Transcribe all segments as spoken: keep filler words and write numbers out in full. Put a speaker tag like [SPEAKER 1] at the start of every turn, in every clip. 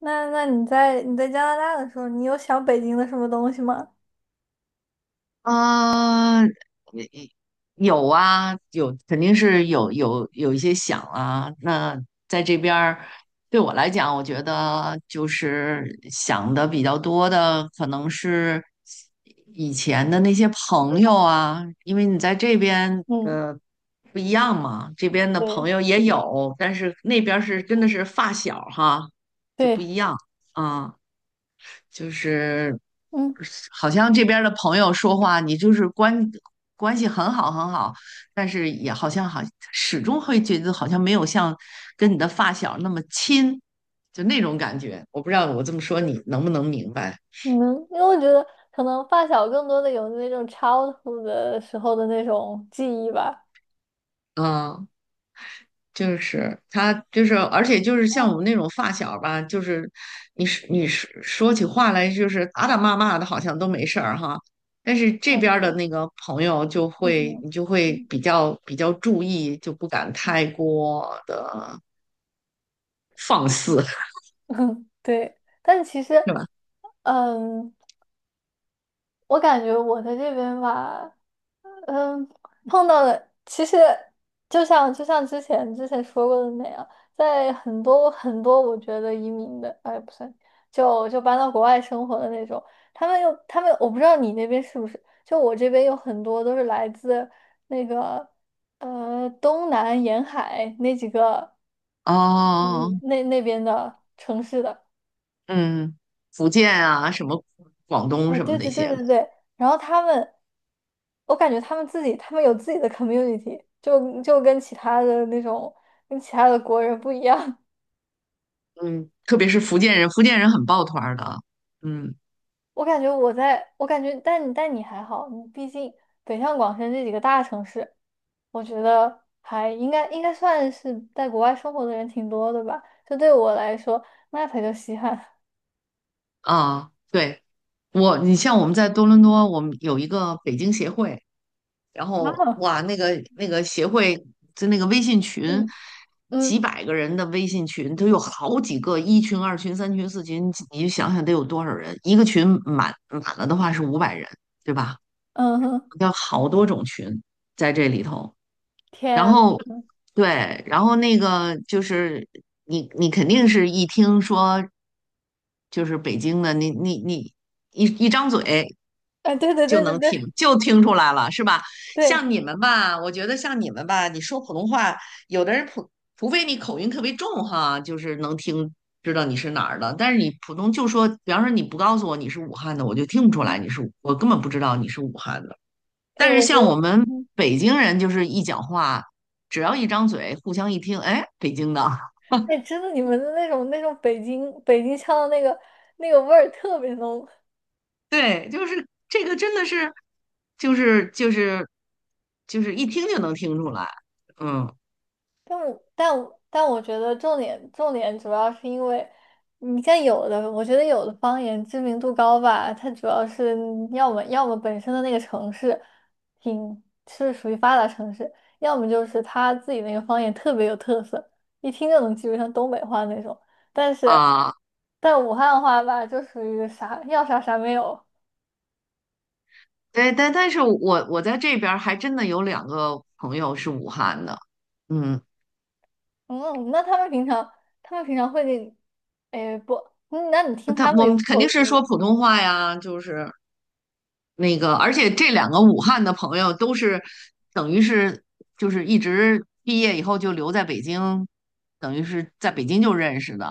[SPEAKER 1] 那那你在你在加拿大的时候，你有想北京的什么东西吗？
[SPEAKER 2] 呃，也有啊，有肯定是有有有一些想啊。那在这边儿，对我来讲，我觉得就是想的比较多的，可能是以前的那些朋友啊，因为你在这边
[SPEAKER 1] 嗯，
[SPEAKER 2] 呃不一样嘛，这边的朋
[SPEAKER 1] 对
[SPEAKER 2] 友也有，但是那边儿是真的是发小哈，就不
[SPEAKER 1] 对，
[SPEAKER 2] 一样啊。就是
[SPEAKER 1] 嗯，
[SPEAKER 2] 好像这边儿的朋友说话，你就是关关系很好很好，但是也好像好始终会觉得好像没有像跟你的发小那么亲，就那种感觉。我不知道我这么说你能不能明白？
[SPEAKER 1] 你能，因为我觉得可能发小更多的有那种 childhood 的时候的那种记忆吧。
[SPEAKER 2] 嗯就是他，就是而且就是像
[SPEAKER 1] 嗯
[SPEAKER 2] 我们那种发小吧，就是你是你是说起话来就是打打骂骂的，好像都没事儿哈。但是这
[SPEAKER 1] 嗯，
[SPEAKER 2] 边儿的
[SPEAKER 1] 对，
[SPEAKER 2] 那个朋友就
[SPEAKER 1] 就是那
[SPEAKER 2] 会，
[SPEAKER 1] 种。
[SPEAKER 2] 你就会
[SPEAKER 1] 嗯。
[SPEAKER 2] 比较比较注意，就不敢太过的放肆，
[SPEAKER 1] 对，但其实，
[SPEAKER 2] 是吧？
[SPEAKER 1] 嗯，我感觉我在这边吧。嗯，碰到了，其实就像就像之前之前说过的那样，在很多很多我觉得移民的，哎，不算，就就搬到国外生活的那种，他们又他们，我不知道你那边是不是，就我这边有很多都是来自那个呃东南沿海那几个，
[SPEAKER 2] 哦，
[SPEAKER 1] 嗯，那那边的城市的。
[SPEAKER 2] 嗯，福建啊，什么广东
[SPEAKER 1] 哎，
[SPEAKER 2] 什么
[SPEAKER 1] 对
[SPEAKER 2] 那
[SPEAKER 1] 对对
[SPEAKER 2] 些的
[SPEAKER 1] 对对，然后他们，我感觉他们自己，他们有自己的 community,就就跟其他的那种，跟其他的国人不一样。
[SPEAKER 2] 嗯，特别是福建人，福建人很抱团儿的，嗯
[SPEAKER 1] 我感觉我在，我感觉，但但你还好，你毕竟北上广深这几个大城市，我觉得还应该应该算是在国外生活的人挺多的吧。就对我来说，那才叫稀罕。
[SPEAKER 2] 啊。对。我，你像我们在多伦多，我们有一个北京协会，然后
[SPEAKER 1] 啊，
[SPEAKER 2] 哇，那个那个协会就那个微信群，
[SPEAKER 1] 嗯
[SPEAKER 2] 几
[SPEAKER 1] 嗯。
[SPEAKER 2] 百个人的微信群，都有好几个一群、二群、三群、四群，你就想想得有多少人？一个群满满了的话是五百人，对吧？
[SPEAKER 1] 嗯哼，
[SPEAKER 2] 有好多种群在这里头，然
[SPEAKER 1] 天，
[SPEAKER 2] 后对，然后那个就是你你肯定是一听说就是北京的，你你你一一张嘴。
[SPEAKER 1] 哎，对对
[SPEAKER 2] 就
[SPEAKER 1] 对对
[SPEAKER 2] 能听
[SPEAKER 1] 对
[SPEAKER 2] 就听出来了，是吧？像
[SPEAKER 1] 对，
[SPEAKER 2] 你们吧，我觉得像你们吧，你说普通话，有的人普除非你口音特别重哈，就是能听知道你是哪儿的，但是你普通就说，比方说你不告诉我你是武汉的，我就听不出来
[SPEAKER 1] 嗯，
[SPEAKER 2] 你是，我根本不知道你是武汉的。
[SPEAKER 1] 哎，
[SPEAKER 2] 但是
[SPEAKER 1] 我觉
[SPEAKER 2] 像
[SPEAKER 1] 得。
[SPEAKER 2] 我们
[SPEAKER 1] 嗯。
[SPEAKER 2] 北京人，就是一讲话，只要一张嘴，互相一听，哎，北京的，
[SPEAKER 1] 哎，真的，你们的那种那种北京北京腔的那个那个味儿特别浓，
[SPEAKER 2] 对，就是这个真的是，就是就是就是一听就能听出来，嗯
[SPEAKER 1] 但我但我但我觉得重点重点主要是因为你像有的，我觉得有的方言知名度高吧，它主要是要么要么本身的那个城市挺是属于发达城市，要么就是他自己那个方言特别有特色，一听就能记住像东北话那种。但是
[SPEAKER 2] 啊。
[SPEAKER 1] 但武汉话吧，就属于啥要啥啥没有，
[SPEAKER 2] 对，但但是我我在这边儿还真的有两个朋友是武汉的，嗯，
[SPEAKER 1] 嗯，那他们平常，他们平常会给你，哎，不，嗯，那你听
[SPEAKER 2] 他
[SPEAKER 1] 他们
[SPEAKER 2] 我
[SPEAKER 1] 有
[SPEAKER 2] 们肯
[SPEAKER 1] 口
[SPEAKER 2] 定
[SPEAKER 1] 音
[SPEAKER 2] 是说
[SPEAKER 1] 吗？
[SPEAKER 2] 普通话呀，就是那个，而且这两个武汉的朋友都是等于是就是一直毕业以后就留在北京，等于是在北京就认识的，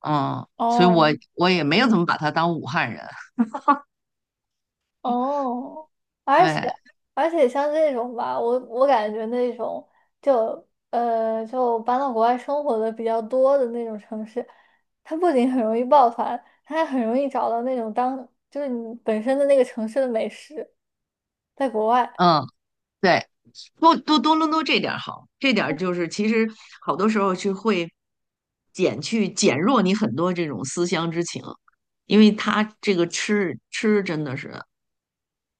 [SPEAKER 2] 嗯，所以我
[SPEAKER 1] 哦。
[SPEAKER 2] 我也没有怎么把他当武汉人，
[SPEAKER 1] 哦，而且
[SPEAKER 2] 对，
[SPEAKER 1] 而且像这种吧，我我感觉那种就呃就搬到国外生活的比较多的那种城市，它不仅很容易抱团，它还很容易找到那种当就是你本身的那个城市的美食，在国外
[SPEAKER 2] 嗯，对。多多多伦多这点儿好，这点儿就是其实好多时候去会减去减弱你很多这种思乡之情，因为他这个吃吃真的是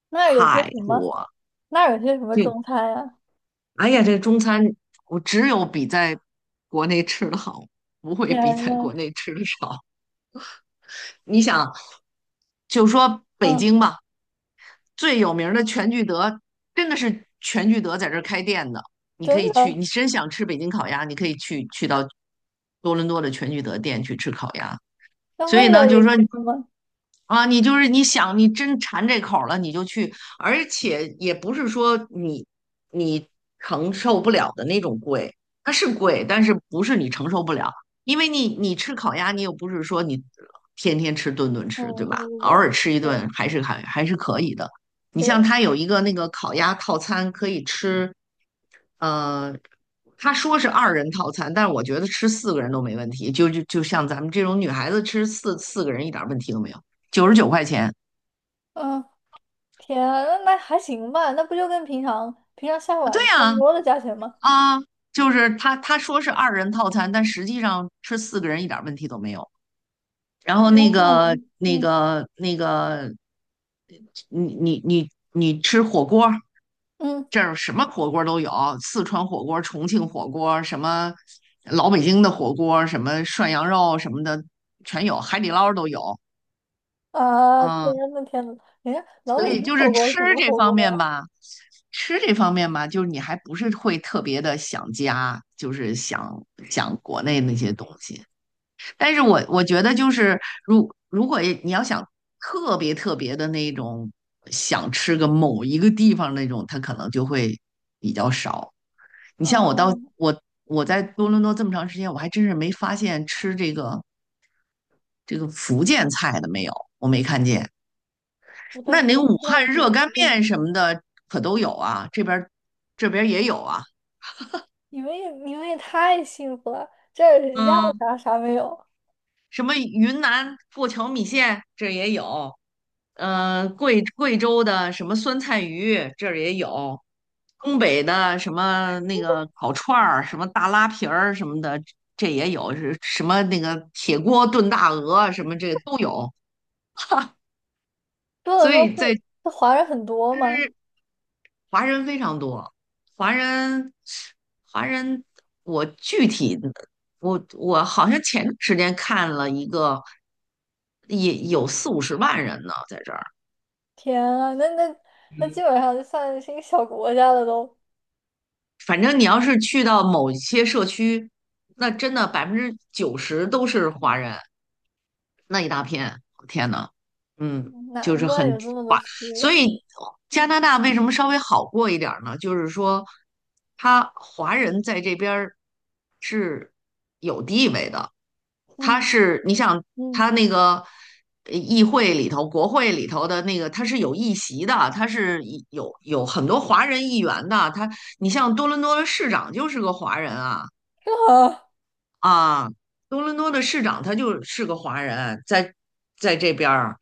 [SPEAKER 1] 那儿有些
[SPEAKER 2] 太
[SPEAKER 1] 什么，
[SPEAKER 2] 多，
[SPEAKER 1] 那儿有些什么中
[SPEAKER 2] 这
[SPEAKER 1] 餐啊？
[SPEAKER 2] 哎呀这个中餐我只有比在国内吃的好，不会比
[SPEAKER 1] 天
[SPEAKER 2] 在
[SPEAKER 1] 呐，
[SPEAKER 2] 国内吃的少。你想，就说北
[SPEAKER 1] 嗯，
[SPEAKER 2] 京吧，最有名的全聚德，真的是全聚德在这儿开店的。你可
[SPEAKER 1] 真
[SPEAKER 2] 以去，
[SPEAKER 1] 的，
[SPEAKER 2] 你真想吃北京烤鸭，你可以去去到多伦多的全聚德店去吃烤鸭。
[SPEAKER 1] 那
[SPEAKER 2] 所以
[SPEAKER 1] 味道
[SPEAKER 2] 呢，
[SPEAKER 1] 也
[SPEAKER 2] 就
[SPEAKER 1] 一
[SPEAKER 2] 是说
[SPEAKER 1] 样吗？
[SPEAKER 2] 啊，你就是你想你真馋这口儿了，你就去，而且也不是说你你承受不了的那种贵，它是贵，但是不是你承受不了，因为你你吃烤鸭，你又不是说你天天吃顿顿吃，
[SPEAKER 1] 嗯，
[SPEAKER 2] 对
[SPEAKER 1] 对
[SPEAKER 2] 吧？偶
[SPEAKER 1] 对
[SPEAKER 2] 尔吃一
[SPEAKER 1] 对对
[SPEAKER 2] 顿还是还还是可以的。你像
[SPEAKER 1] 对，
[SPEAKER 2] 它有一个那个烤鸭套餐，可以吃呃，他说是二人套餐，但是我觉得吃四个人都没问题。就就就像咱们这种女孩子吃四四个人一点问题都没有，九十九块钱。
[SPEAKER 1] 嗯，天啊，那那还行吧，那不就跟平常平常下馆
[SPEAKER 2] 对
[SPEAKER 1] 子差不
[SPEAKER 2] 呀，
[SPEAKER 1] 多的价钱吗？
[SPEAKER 2] 啊，就是他他说是二人套餐，但实际上吃四个人一点问题都没有。然后那个
[SPEAKER 1] 嗯，
[SPEAKER 2] 那
[SPEAKER 1] 嗯
[SPEAKER 2] 个那个，你你你你吃火锅儿，
[SPEAKER 1] 嗯。
[SPEAKER 2] 这儿什么火锅都有，四川火锅、重庆火锅，什么老北京的火锅，什么涮羊肉什么的全有，海底捞都有。
[SPEAKER 1] 啊，天
[SPEAKER 2] 嗯，
[SPEAKER 1] 呐天呐，人家老
[SPEAKER 2] 所
[SPEAKER 1] 北
[SPEAKER 2] 以
[SPEAKER 1] 京
[SPEAKER 2] 就是
[SPEAKER 1] 火锅是
[SPEAKER 2] 吃
[SPEAKER 1] 什么
[SPEAKER 2] 这
[SPEAKER 1] 火
[SPEAKER 2] 方
[SPEAKER 1] 锅呀？
[SPEAKER 2] 面吧，吃这方面吧，就是你还不是会特别的想家，就是想想国内那些东西。但是我我觉得就
[SPEAKER 1] 嗯，
[SPEAKER 2] 是，如如果你要想特别特别的那种想吃个某一个地方那种，它可能就会比较少。你像我到
[SPEAKER 1] 嗯，
[SPEAKER 2] 我我在多伦多这么长时间，我还真是没发现吃这个这个福建菜的没有，我没看见。
[SPEAKER 1] 我都
[SPEAKER 2] 那你那个
[SPEAKER 1] 我不
[SPEAKER 2] 武
[SPEAKER 1] 知
[SPEAKER 2] 汉
[SPEAKER 1] 道有什么
[SPEAKER 2] 热干
[SPEAKER 1] 火锅。
[SPEAKER 2] 面什么的可都有
[SPEAKER 1] 嗯，
[SPEAKER 2] 啊，这边儿这边儿也有啊，
[SPEAKER 1] 你们也你们也太幸福了，这儿要
[SPEAKER 2] 嗯，
[SPEAKER 1] 啥啥没有。
[SPEAKER 2] 什么云南过桥米线这也有，呃，贵贵州的什么酸菜鱼这儿也有，东北的什么那个烤串儿、什么大拉皮儿什么的，这也有，是什么那个铁锅炖大鹅什么这都有，
[SPEAKER 1] 多伦
[SPEAKER 2] 所
[SPEAKER 1] 多
[SPEAKER 2] 以在
[SPEAKER 1] 是是华人很多吗？
[SPEAKER 2] 华人非常多，华人，华人，我具体的，我我好像前段时间看了一个，也有
[SPEAKER 1] 嗯，
[SPEAKER 2] 四五十万人呢，在这儿。
[SPEAKER 1] 天啊，那那那基本上就算是一个小国家了都。
[SPEAKER 2] 反正你要是去到某些社区，那真的百分之九十都是华人，那一大片，天呐，嗯，就
[SPEAKER 1] 难
[SPEAKER 2] 是
[SPEAKER 1] 怪
[SPEAKER 2] 很
[SPEAKER 1] 有这么多
[SPEAKER 2] 划。
[SPEAKER 1] 吃
[SPEAKER 2] 所
[SPEAKER 1] 的，
[SPEAKER 2] 以加
[SPEAKER 1] 嗯
[SPEAKER 2] 拿大为什么稍微好过一点儿呢？就是说，他华人在这边儿是有地位的，他
[SPEAKER 1] 嗯
[SPEAKER 2] 是你想
[SPEAKER 1] 嗯，
[SPEAKER 2] 他那个呃议会里头、国会里头的那个，他是有议席的，他是有有很多华人议员的。他，你像多伦多的市长就是个华人啊。
[SPEAKER 1] 真好。
[SPEAKER 2] 啊，多伦多的市长他就是个华人，在在这边儿，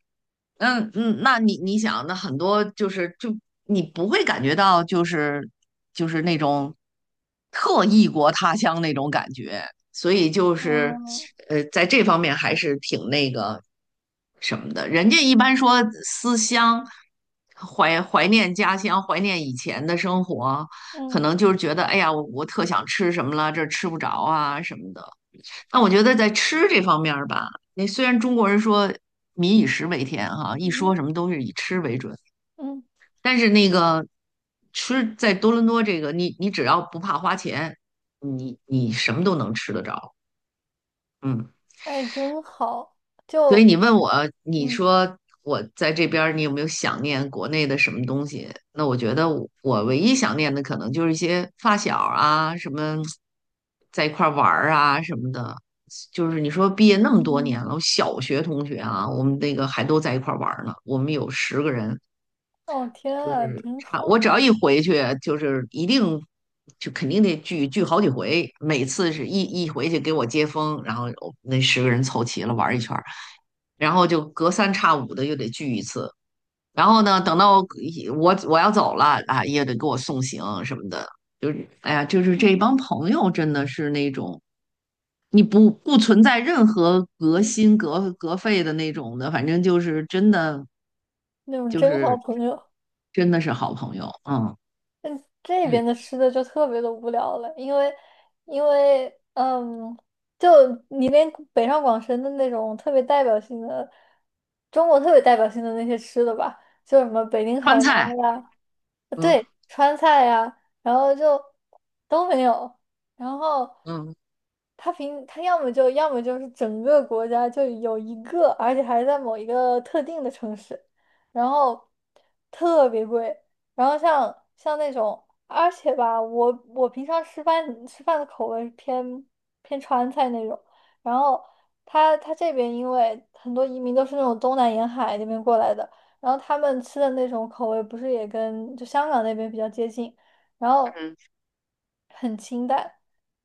[SPEAKER 2] 嗯嗯，那你你想，那很多就是就你不会感觉到就是就是那种特异国他乡那种感觉，所以就是
[SPEAKER 1] 嗯
[SPEAKER 2] 呃，在这方面还是挺那个什么的。人家一般说思乡，怀怀念家乡，怀念以前的生活，
[SPEAKER 1] 嗯
[SPEAKER 2] 可能就是觉得哎呀，我我特想吃什么了，这儿吃不着啊什么的。那我觉得在吃这方面儿吧，那虽然中国人说民以食为天哈，一
[SPEAKER 1] 嗯
[SPEAKER 2] 说什么都是以吃为准，
[SPEAKER 1] 嗯，
[SPEAKER 2] 但是那个吃在多伦多这个，你你只要不怕花钱，你你什么都能吃得着。嗯，
[SPEAKER 1] 哎，真好。
[SPEAKER 2] 所以
[SPEAKER 1] 就
[SPEAKER 2] 你问我，你
[SPEAKER 1] 嗯
[SPEAKER 2] 说我在这边儿，你有没有想念国内的什么东西？那我觉得我我唯一想念的可能就是一些发小啊，什么在一块儿玩儿啊什么的。就是你说毕业那么多
[SPEAKER 1] 嗯，
[SPEAKER 2] 年了，我小学同学啊，我们那个还都在一块儿玩儿呢。我们有十个人，
[SPEAKER 1] 哦天
[SPEAKER 2] 就
[SPEAKER 1] 啊，
[SPEAKER 2] 是
[SPEAKER 1] 真
[SPEAKER 2] 差
[SPEAKER 1] 好。
[SPEAKER 2] 我只要一回去，就是一定就肯定得聚聚好几回。每次是一一回去给我接风，然后我那十个人凑齐了玩儿一圈。然后就隔三差五的又得聚一次。然后呢，等到我我要走了啊，也得给我送行什么的。就是哎呀，就是这
[SPEAKER 1] 嗯，
[SPEAKER 2] 帮朋友真的是那种，你不不存在任何隔心隔隔肺的那种的，反正就是真的
[SPEAKER 1] 那种
[SPEAKER 2] 就
[SPEAKER 1] 真好
[SPEAKER 2] 是
[SPEAKER 1] 朋友。
[SPEAKER 2] 真的是好朋友。嗯，
[SPEAKER 1] 嗯，这
[SPEAKER 2] 就
[SPEAKER 1] 边
[SPEAKER 2] 是
[SPEAKER 1] 的吃的就特别的无聊了，因为因为嗯，就你连北上广深的那种特别代表性的，中国特别代表性的那些吃的吧，就什么北京烤
[SPEAKER 2] 川
[SPEAKER 1] 鸭
[SPEAKER 2] 菜，
[SPEAKER 1] 呀。
[SPEAKER 2] 嗯
[SPEAKER 1] 川菜呀，然后就都没有。然后
[SPEAKER 2] 嗯
[SPEAKER 1] 他平他要么就要么就是整个国家就有一个，而且还在某一个特定的城市，然后特别贵。然后像像那种，而且吧，我我平常吃饭吃饭的口味偏偏川菜那种，然后他他这边因为很多移民都是那种东南沿海那边过来的。然后他们吃的那种口味不是也跟就香港那边比较接近，然后
[SPEAKER 2] 嗯，
[SPEAKER 1] 很清淡，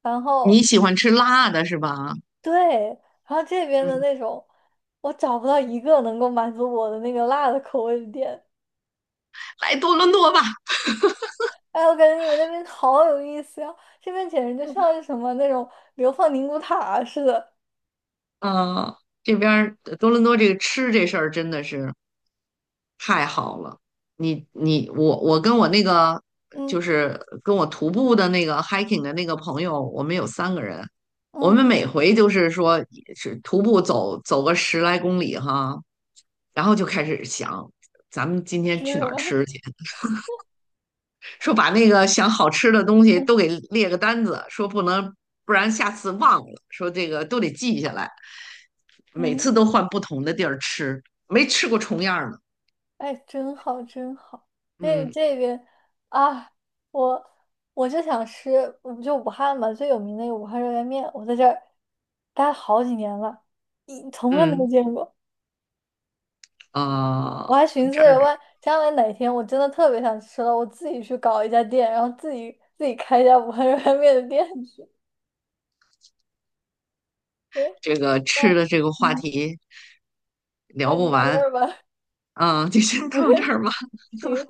[SPEAKER 1] 然后
[SPEAKER 2] 你喜欢吃辣的是吧？
[SPEAKER 1] 对，然后这边的
[SPEAKER 2] 嗯，
[SPEAKER 1] 那种，我找不到一个能够满足我的那个辣的口味的店。
[SPEAKER 2] 来多伦多吧。
[SPEAKER 1] 哎，我感觉你们那边好有意思呀，这边简直就像是什么那种流放宁古塔啊似的。
[SPEAKER 2] 啊，这边儿多伦多这个吃这事儿真的是太好了。你你我我跟我那个
[SPEAKER 1] 嗯
[SPEAKER 2] 就是跟我徒步的那个 hiking 的那个朋友，我们有三个人，我
[SPEAKER 1] 嗯，
[SPEAKER 2] 们每回就是说是徒步走走个十来公里哈，然后就开始想咱们今天
[SPEAKER 1] 吃
[SPEAKER 2] 去
[SPEAKER 1] 什
[SPEAKER 2] 哪儿
[SPEAKER 1] 么？
[SPEAKER 2] 吃去，说把那个想好吃的东 西
[SPEAKER 1] 嗯
[SPEAKER 2] 都给列个单子，说不能不然下次忘了，说这个都得记下来。每
[SPEAKER 1] 嗯。
[SPEAKER 2] 次都换不同的地儿吃，没吃过重样儿的。
[SPEAKER 1] 哎，真好，真好。这
[SPEAKER 2] 嗯
[SPEAKER 1] 这边，啊，我我就想吃，我就武汉嘛，最有名的那个武汉热干面，我在这儿待了好几年了，一从来没有
[SPEAKER 2] 嗯，
[SPEAKER 1] 见过。我
[SPEAKER 2] 呃，
[SPEAKER 1] 还寻思
[SPEAKER 2] 这儿
[SPEAKER 1] 着，万将来哪天我真的特别想吃了，我自己去搞一家店，然后自己自己开一家武汉热干面的店去。哎，
[SPEAKER 2] 这个
[SPEAKER 1] 那
[SPEAKER 2] 吃的这个话
[SPEAKER 1] 嗯，
[SPEAKER 2] 题
[SPEAKER 1] 那
[SPEAKER 2] 聊
[SPEAKER 1] 你
[SPEAKER 2] 不
[SPEAKER 1] 到这
[SPEAKER 2] 完，
[SPEAKER 1] 儿吧，
[SPEAKER 2] 嗯，就先到这儿吧。
[SPEAKER 1] 行。